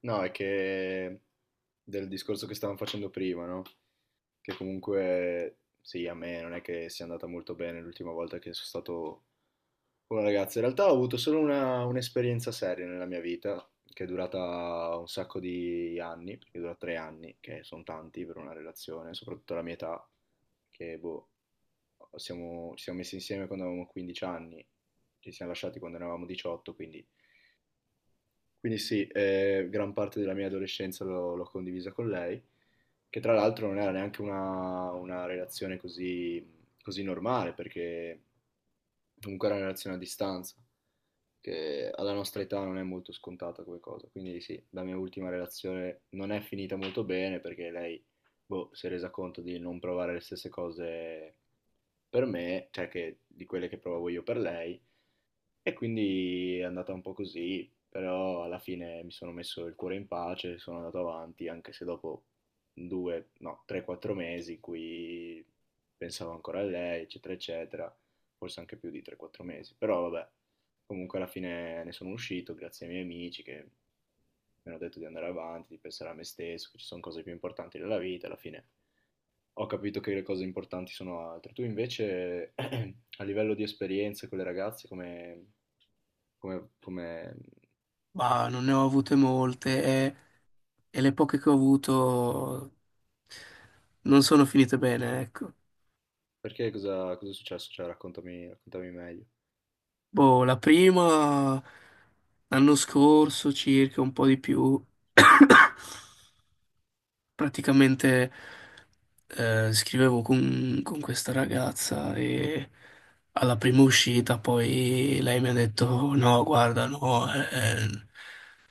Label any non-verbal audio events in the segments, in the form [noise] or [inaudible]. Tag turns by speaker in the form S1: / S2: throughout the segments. S1: No, è che del discorso che stavamo facendo prima, no? Che comunque, sì, a me non è che sia andata molto bene l'ultima volta che sono stato con una ragazza. In realtà ho avuto solo un'esperienza seria nella mia vita, che è durata un sacco di anni, perché dura 3 anni, che sono tanti per una relazione, soprattutto la mia età, che boh, ci siamo messi insieme quando avevamo 15 anni, ci siamo lasciati quando ne avevamo 18. Quindi sì, gran parte della mia adolescenza l'ho condivisa con lei, che tra l'altro non era neanche una relazione così normale, perché comunque era una relazione a distanza, che alla nostra età non è molto scontata come cosa. Quindi sì, la mia ultima relazione non è finita molto bene, perché lei, boh, si è resa conto di non provare le stesse cose per me, cioè che, di quelle che provavo io per lei, e quindi è andata un po' così, però alla fine mi sono messo il cuore in pace, sono andato avanti, anche se dopo due, no, 3, 4 mesi in cui pensavo ancora a lei, eccetera, eccetera, forse anche più di 3, 4 mesi, però vabbè, comunque alla fine ne sono uscito grazie ai miei amici che mi hanno detto di andare avanti, di pensare a me stesso, che ci sono cose più importanti della vita. Alla fine ho capito che le cose importanti sono altre. Tu invece, [clears throat] a livello di esperienze con le ragazze, come come...
S2: Ma non ne ho avute molte e le poche che ho avuto non sono finite bene, ecco.
S1: Perché cosa è successo? Cioè, raccontami meglio.
S2: Boh, la prima l'anno scorso circa, un po' di più. [coughs] Praticamente scrivevo con questa ragazza e alla prima uscita poi lei mi ha detto no, guarda, no, eh,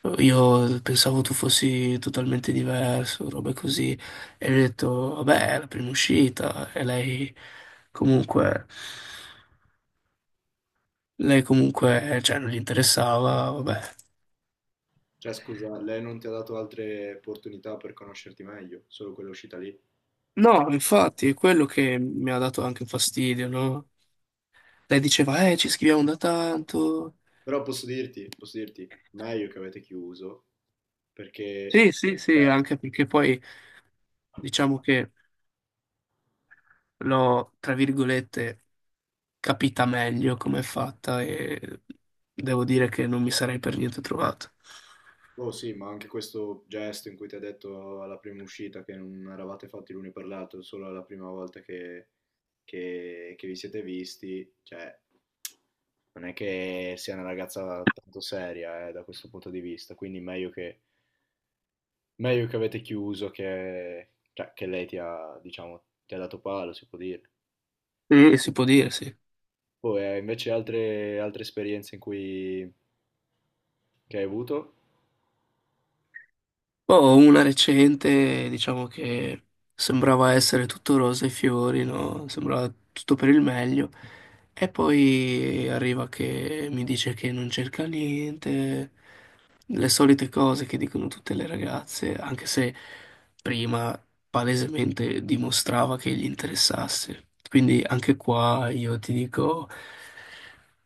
S2: eh, io pensavo tu fossi totalmente diverso, robe così. E gli ho detto, vabbè, è la prima uscita e comunque, lei comunque, cioè, non gli interessava, vabbè.
S1: Cioè, scusa, lei non ti ha dato altre opportunità per conoscerti meglio, solo quella uscita lì.
S2: No, infatti, è quello che mi ha dato anche fastidio, no? Lei diceva, ci scriviamo da tanto.
S1: Però posso dirti, meglio che avete chiuso, perché...
S2: Sì, sì, sì,
S1: eh,
S2: anche perché poi diciamo che l'ho, tra virgolette, capita meglio come è fatta e devo dire che non mi sarei per niente trovato.
S1: Oh sì, ma anche questo gesto in cui ti ha detto alla prima uscita che non eravate fatti l'uno per l'altro, solo alla prima volta che vi siete visti, cioè, non è che sia una ragazza tanto seria, da questo punto di vista, quindi Meglio che avete chiuso che, cioè, che lei ti ha, diciamo, ti ha dato palo, si può dire.
S2: Sì, si può dire, sì.
S1: Poi invece altre esperienze in cui che hai avuto,
S2: Boh, una recente, diciamo che sembrava essere tutto rose e fiori, no? Sembrava tutto per il meglio. E poi arriva che mi dice che non cerca niente, le solite cose che dicono tutte le ragazze, anche se prima palesemente dimostrava che gli interessasse. Quindi anche qua io ti dico,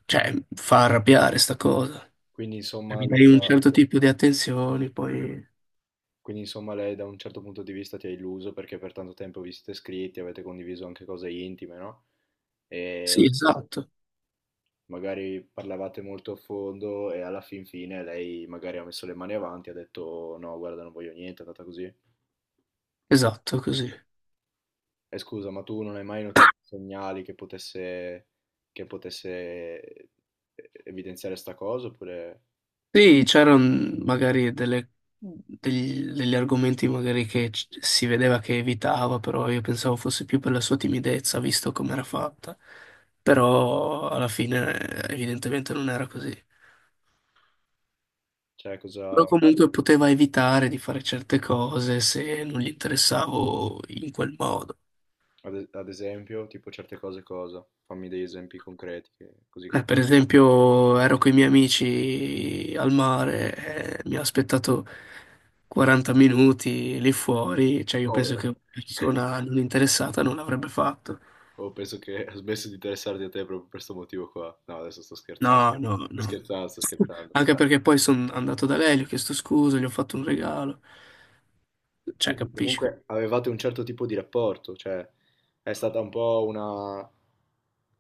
S2: cioè, fa arrabbiare sta cosa.
S1: quindi
S2: Cioè,
S1: insomma,
S2: mi
S1: lei
S2: dai
S1: ti
S2: un
S1: ha-
S2: certo tipo di attenzioni, poi...
S1: quindi insomma lei da un certo punto di vista ti ha illuso perché per tanto tempo vi siete scritti, avete condiviso anche cose intime, no?
S2: Sì,
S1: E
S2: esatto,
S1: magari parlavate molto a fondo e alla fin fine lei magari ha messo le mani avanti e ha detto no, guarda, non voglio niente, è andata così.
S2: esatto, così.
S1: E scusa, ma tu non hai mai notato segnali che potesse evidenziare sta cosa? Oppure,
S2: Sì, c'erano magari delle degli argomenti magari che si vedeva che evitava, però io pensavo fosse più per la sua timidezza, visto come era fatta. Però alla fine evidentemente non era così.
S1: cioè,
S2: Però
S1: cosa,
S2: comunque poteva evitare di fare certe cose se non gli interessavo in quel modo.
S1: ad esempio, tipo certe cose cosa? Fammi degli esempi concreti, così capisco.
S2: Per esempio, ero con i miei amici al mare, mi ha aspettato 40 minuti lì fuori, cioè io penso che
S1: Povera.
S2: una persona non interessata non l'avrebbe fatto.
S1: Oh, penso che ha smesso di interessarti a te proprio per questo motivo qua. No, adesso sto scherzando.
S2: No, no,
S1: Sto
S2: no.
S1: scherzando, sto scherzando.
S2: Anche perché poi sono andato da lei, gli ho chiesto scusa, gli ho fatto un regalo. Cioè,
S1: Sì, sì,
S2: capisci?
S1: comunque avevate un certo tipo di rapporto, cioè è stata un po'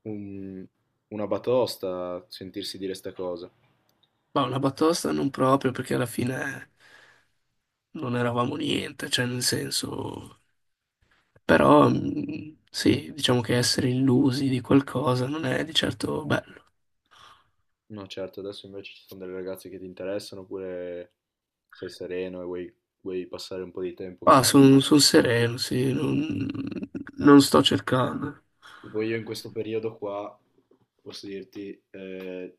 S1: un- una batosta sentirsi dire sta cosa.
S2: Ma una batosta non proprio, perché alla fine non eravamo niente, cioè nel senso... Però sì, diciamo che essere illusi di qualcosa non è di certo bello.
S1: No, certo, adesso invece ci sono delle ragazze che ti interessano oppure sei sereno e vuoi passare un po' di tempo
S2: Ah,
S1: così.
S2: sono sereno, sì, non sto cercando.
S1: Tipo io in questo periodo qua, posso dirti,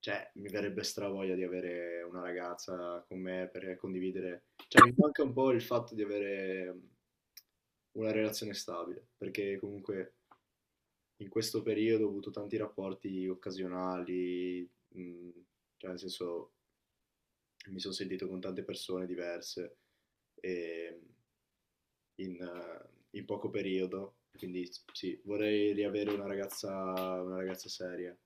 S1: cioè mi verrebbe stravoglia di avere una ragazza con me per condividere. Cioè mi manca un po' il fatto di avere una relazione stabile, perché comunque in questo periodo ho avuto tanti rapporti occasionali, mm, cioè nel senso mi sono sentito con tante persone diverse e in, eh, in poco periodo. Quindi sì, vorrei riavere una ragazza seria,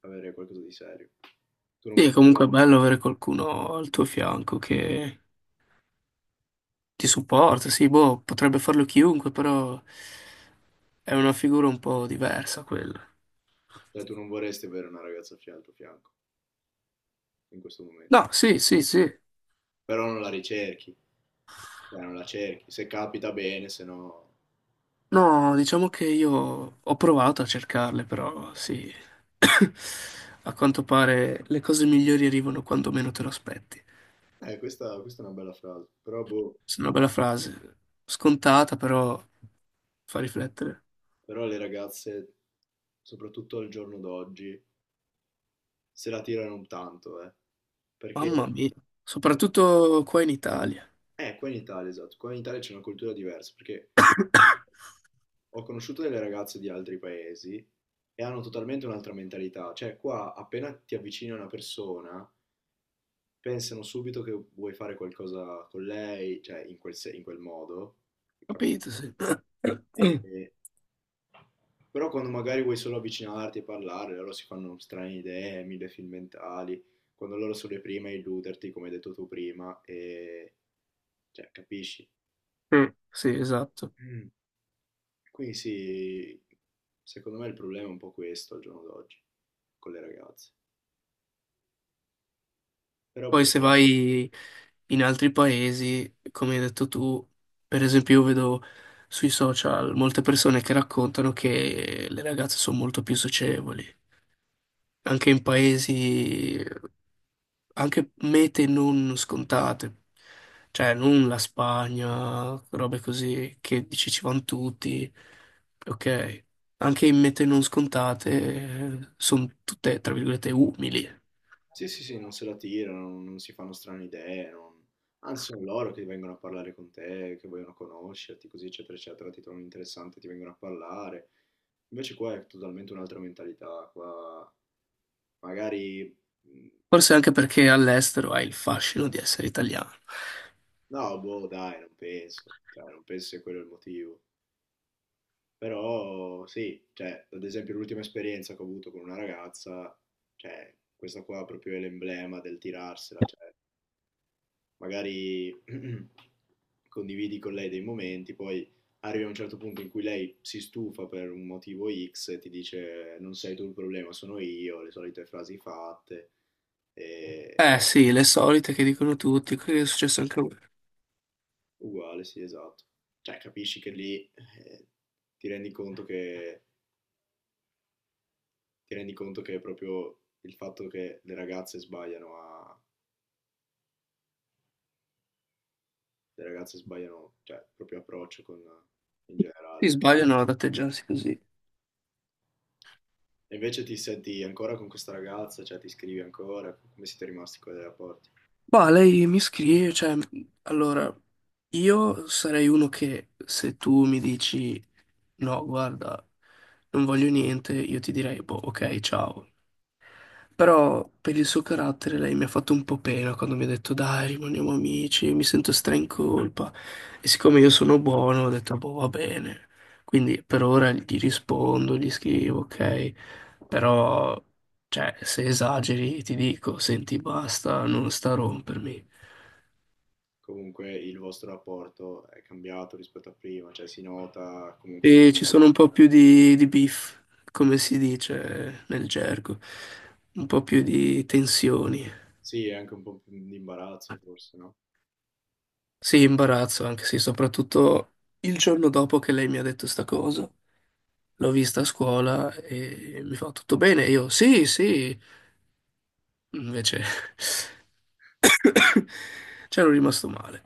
S1: avere qualcosa di serio. Tu non
S2: Sì,
S1: vorresti,
S2: comunque è bello avere qualcuno al tuo fianco che ti supporta, sì, boh, potrebbe farlo chiunque, però è una figura un po' diversa quella.
S1: cioè, tu non vorresti avere una ragazza al tuo fianco in questo momento.
S2: No, sì, sì, sì.
S1: Però non la ricerchi, cioè, non la cerchi. Se capita bene, se no...
S2: No, diciamo che io ho provato a cercarle, però sì. [coughs] A quanto pare le cose migliori arrivano quando meno te lo aspetti.
S1: Questa è una bella frase. Però, boh,
S2: Questa è una bella frase, scontata però fa riflettere.
S1: però le ragazze, soprattutto al giorno d'oggi, se la tirano tanto, eh. Perché?
S2: Mamma mia, soprattutto qua in Italia.
S1: Qua in Italia, esatto, qua in Italia c'è una cultura diversa, perché ho conosciuto delle ragazze di altri paesi e hanno totalmente un'altra mentalità, cioè qua appena ti avvicini a una persona, pensano subito che vuoi fare qualcosa con lei, cioè in quel, se- in quel modo, capisci?
S2: Capito, sì.
S1: E-
S2: [clears throat]
S1: e- Però quando magari vuoi solo avvicinarti e parlare, loro si fanno strane idee, mille film mentali, quando loro sono le prime a illuderti, come hai detto tu prima, e cioè, capisci?
S2: Mm. Sì,
S1: E-
S2: esatto.
S1: mm. Quindi sì, secondo me il problema è un po' questo al giorno d'oggi con le ragazze. Però
S2: Poi
S1: boh,
S2: se vai in altri paesi, come hai detto tu, per esempio io vedo sui social molte persone che raccontano che le ragazze sono molto più socievoli. Anche in paesi, anche mete non scontate, cioè non la Spagna, robe così che dici ci vanno tutti, ok, anche in mete non scontate sono tutte, tra virgolette, umili.
S1: sì, sì, sì, non se la tirano, non si fanno strane idee, anzi sono loro che vengono a parlare con te, che vogliono conoscerti, così eccetera eccetera, ti trovano interessante, ti vengono a parlare. Invece qua è totalmente un'altra mentalità, qua magari... mh.
S2: Forse anche perché all'estero hai il fascino di essere italiano.
S1: No, boh, dai, non penso, cioè, non penso sia quello il motivo. Però sì, cioè, ad esempio l'ultima esperienza che ho avuto con una ragazza, cioè, questa qua proprio è l'emblema del tirarsela, cioè, magari [clears throat] condividi con lei dei momenti, poi arrivi a un certo punto in cui lei si stufa per un motivo X e ti dice non sei tu il problema, sono io, le solite frasi fatte, e
S2: Eh sì, le solite che dicono tutti, quello che è successo anche a me.
S1: uguale, sì, esatto. Cioè, capisci che lì ti rendi conto che ti rendi conto che è proprio il fatto che le ragazze sbagliano a, le ragazze sbagliano, cioè, il proprio approccio con, in
S2: Si
S1: generale.
S2: sbagliano ad atteggiarsi così.
S1: E invece ti senti ancora con questa ragazza, cioè ti scrivi ancora, come siete rimasti con i rapporti?
S2: Ma lei mi scrive, cioè, allora, io sarei uno che se tu mi dici no, guarda, non voglio niente, io ti direi, boh, ok, ciao. Però per il suo carattere lei mi ha fatto un po' pena quando mi ha detto dai, rimaniamo amici, mi sento stra in colpa. E siccome io sono buono, ho detto boh, va bene. Quindi per ora gli rispondo, gli scrivo, ok. Però, cioè, se esageri ti dico, senti, basta, non sta a rompermi.
S1: Comunque il vostro rapporto è cambiato rispetto a prima, cioè si nota comunque...
S2: E ci sono un po' più di beef, come si dice nel gergo, un po' più di tensioni.
S1: Sì, è anche un po' più di imbarazzo forse, no?
S2: Sì, imbarazzo, anche sì, soprattutto il giorno dopo che lei mi ha detto sta cosa. L'ho vista a scuola e mi fa tutto bene. Io sì, sì. Invece [coughs] c'ero rimasto male.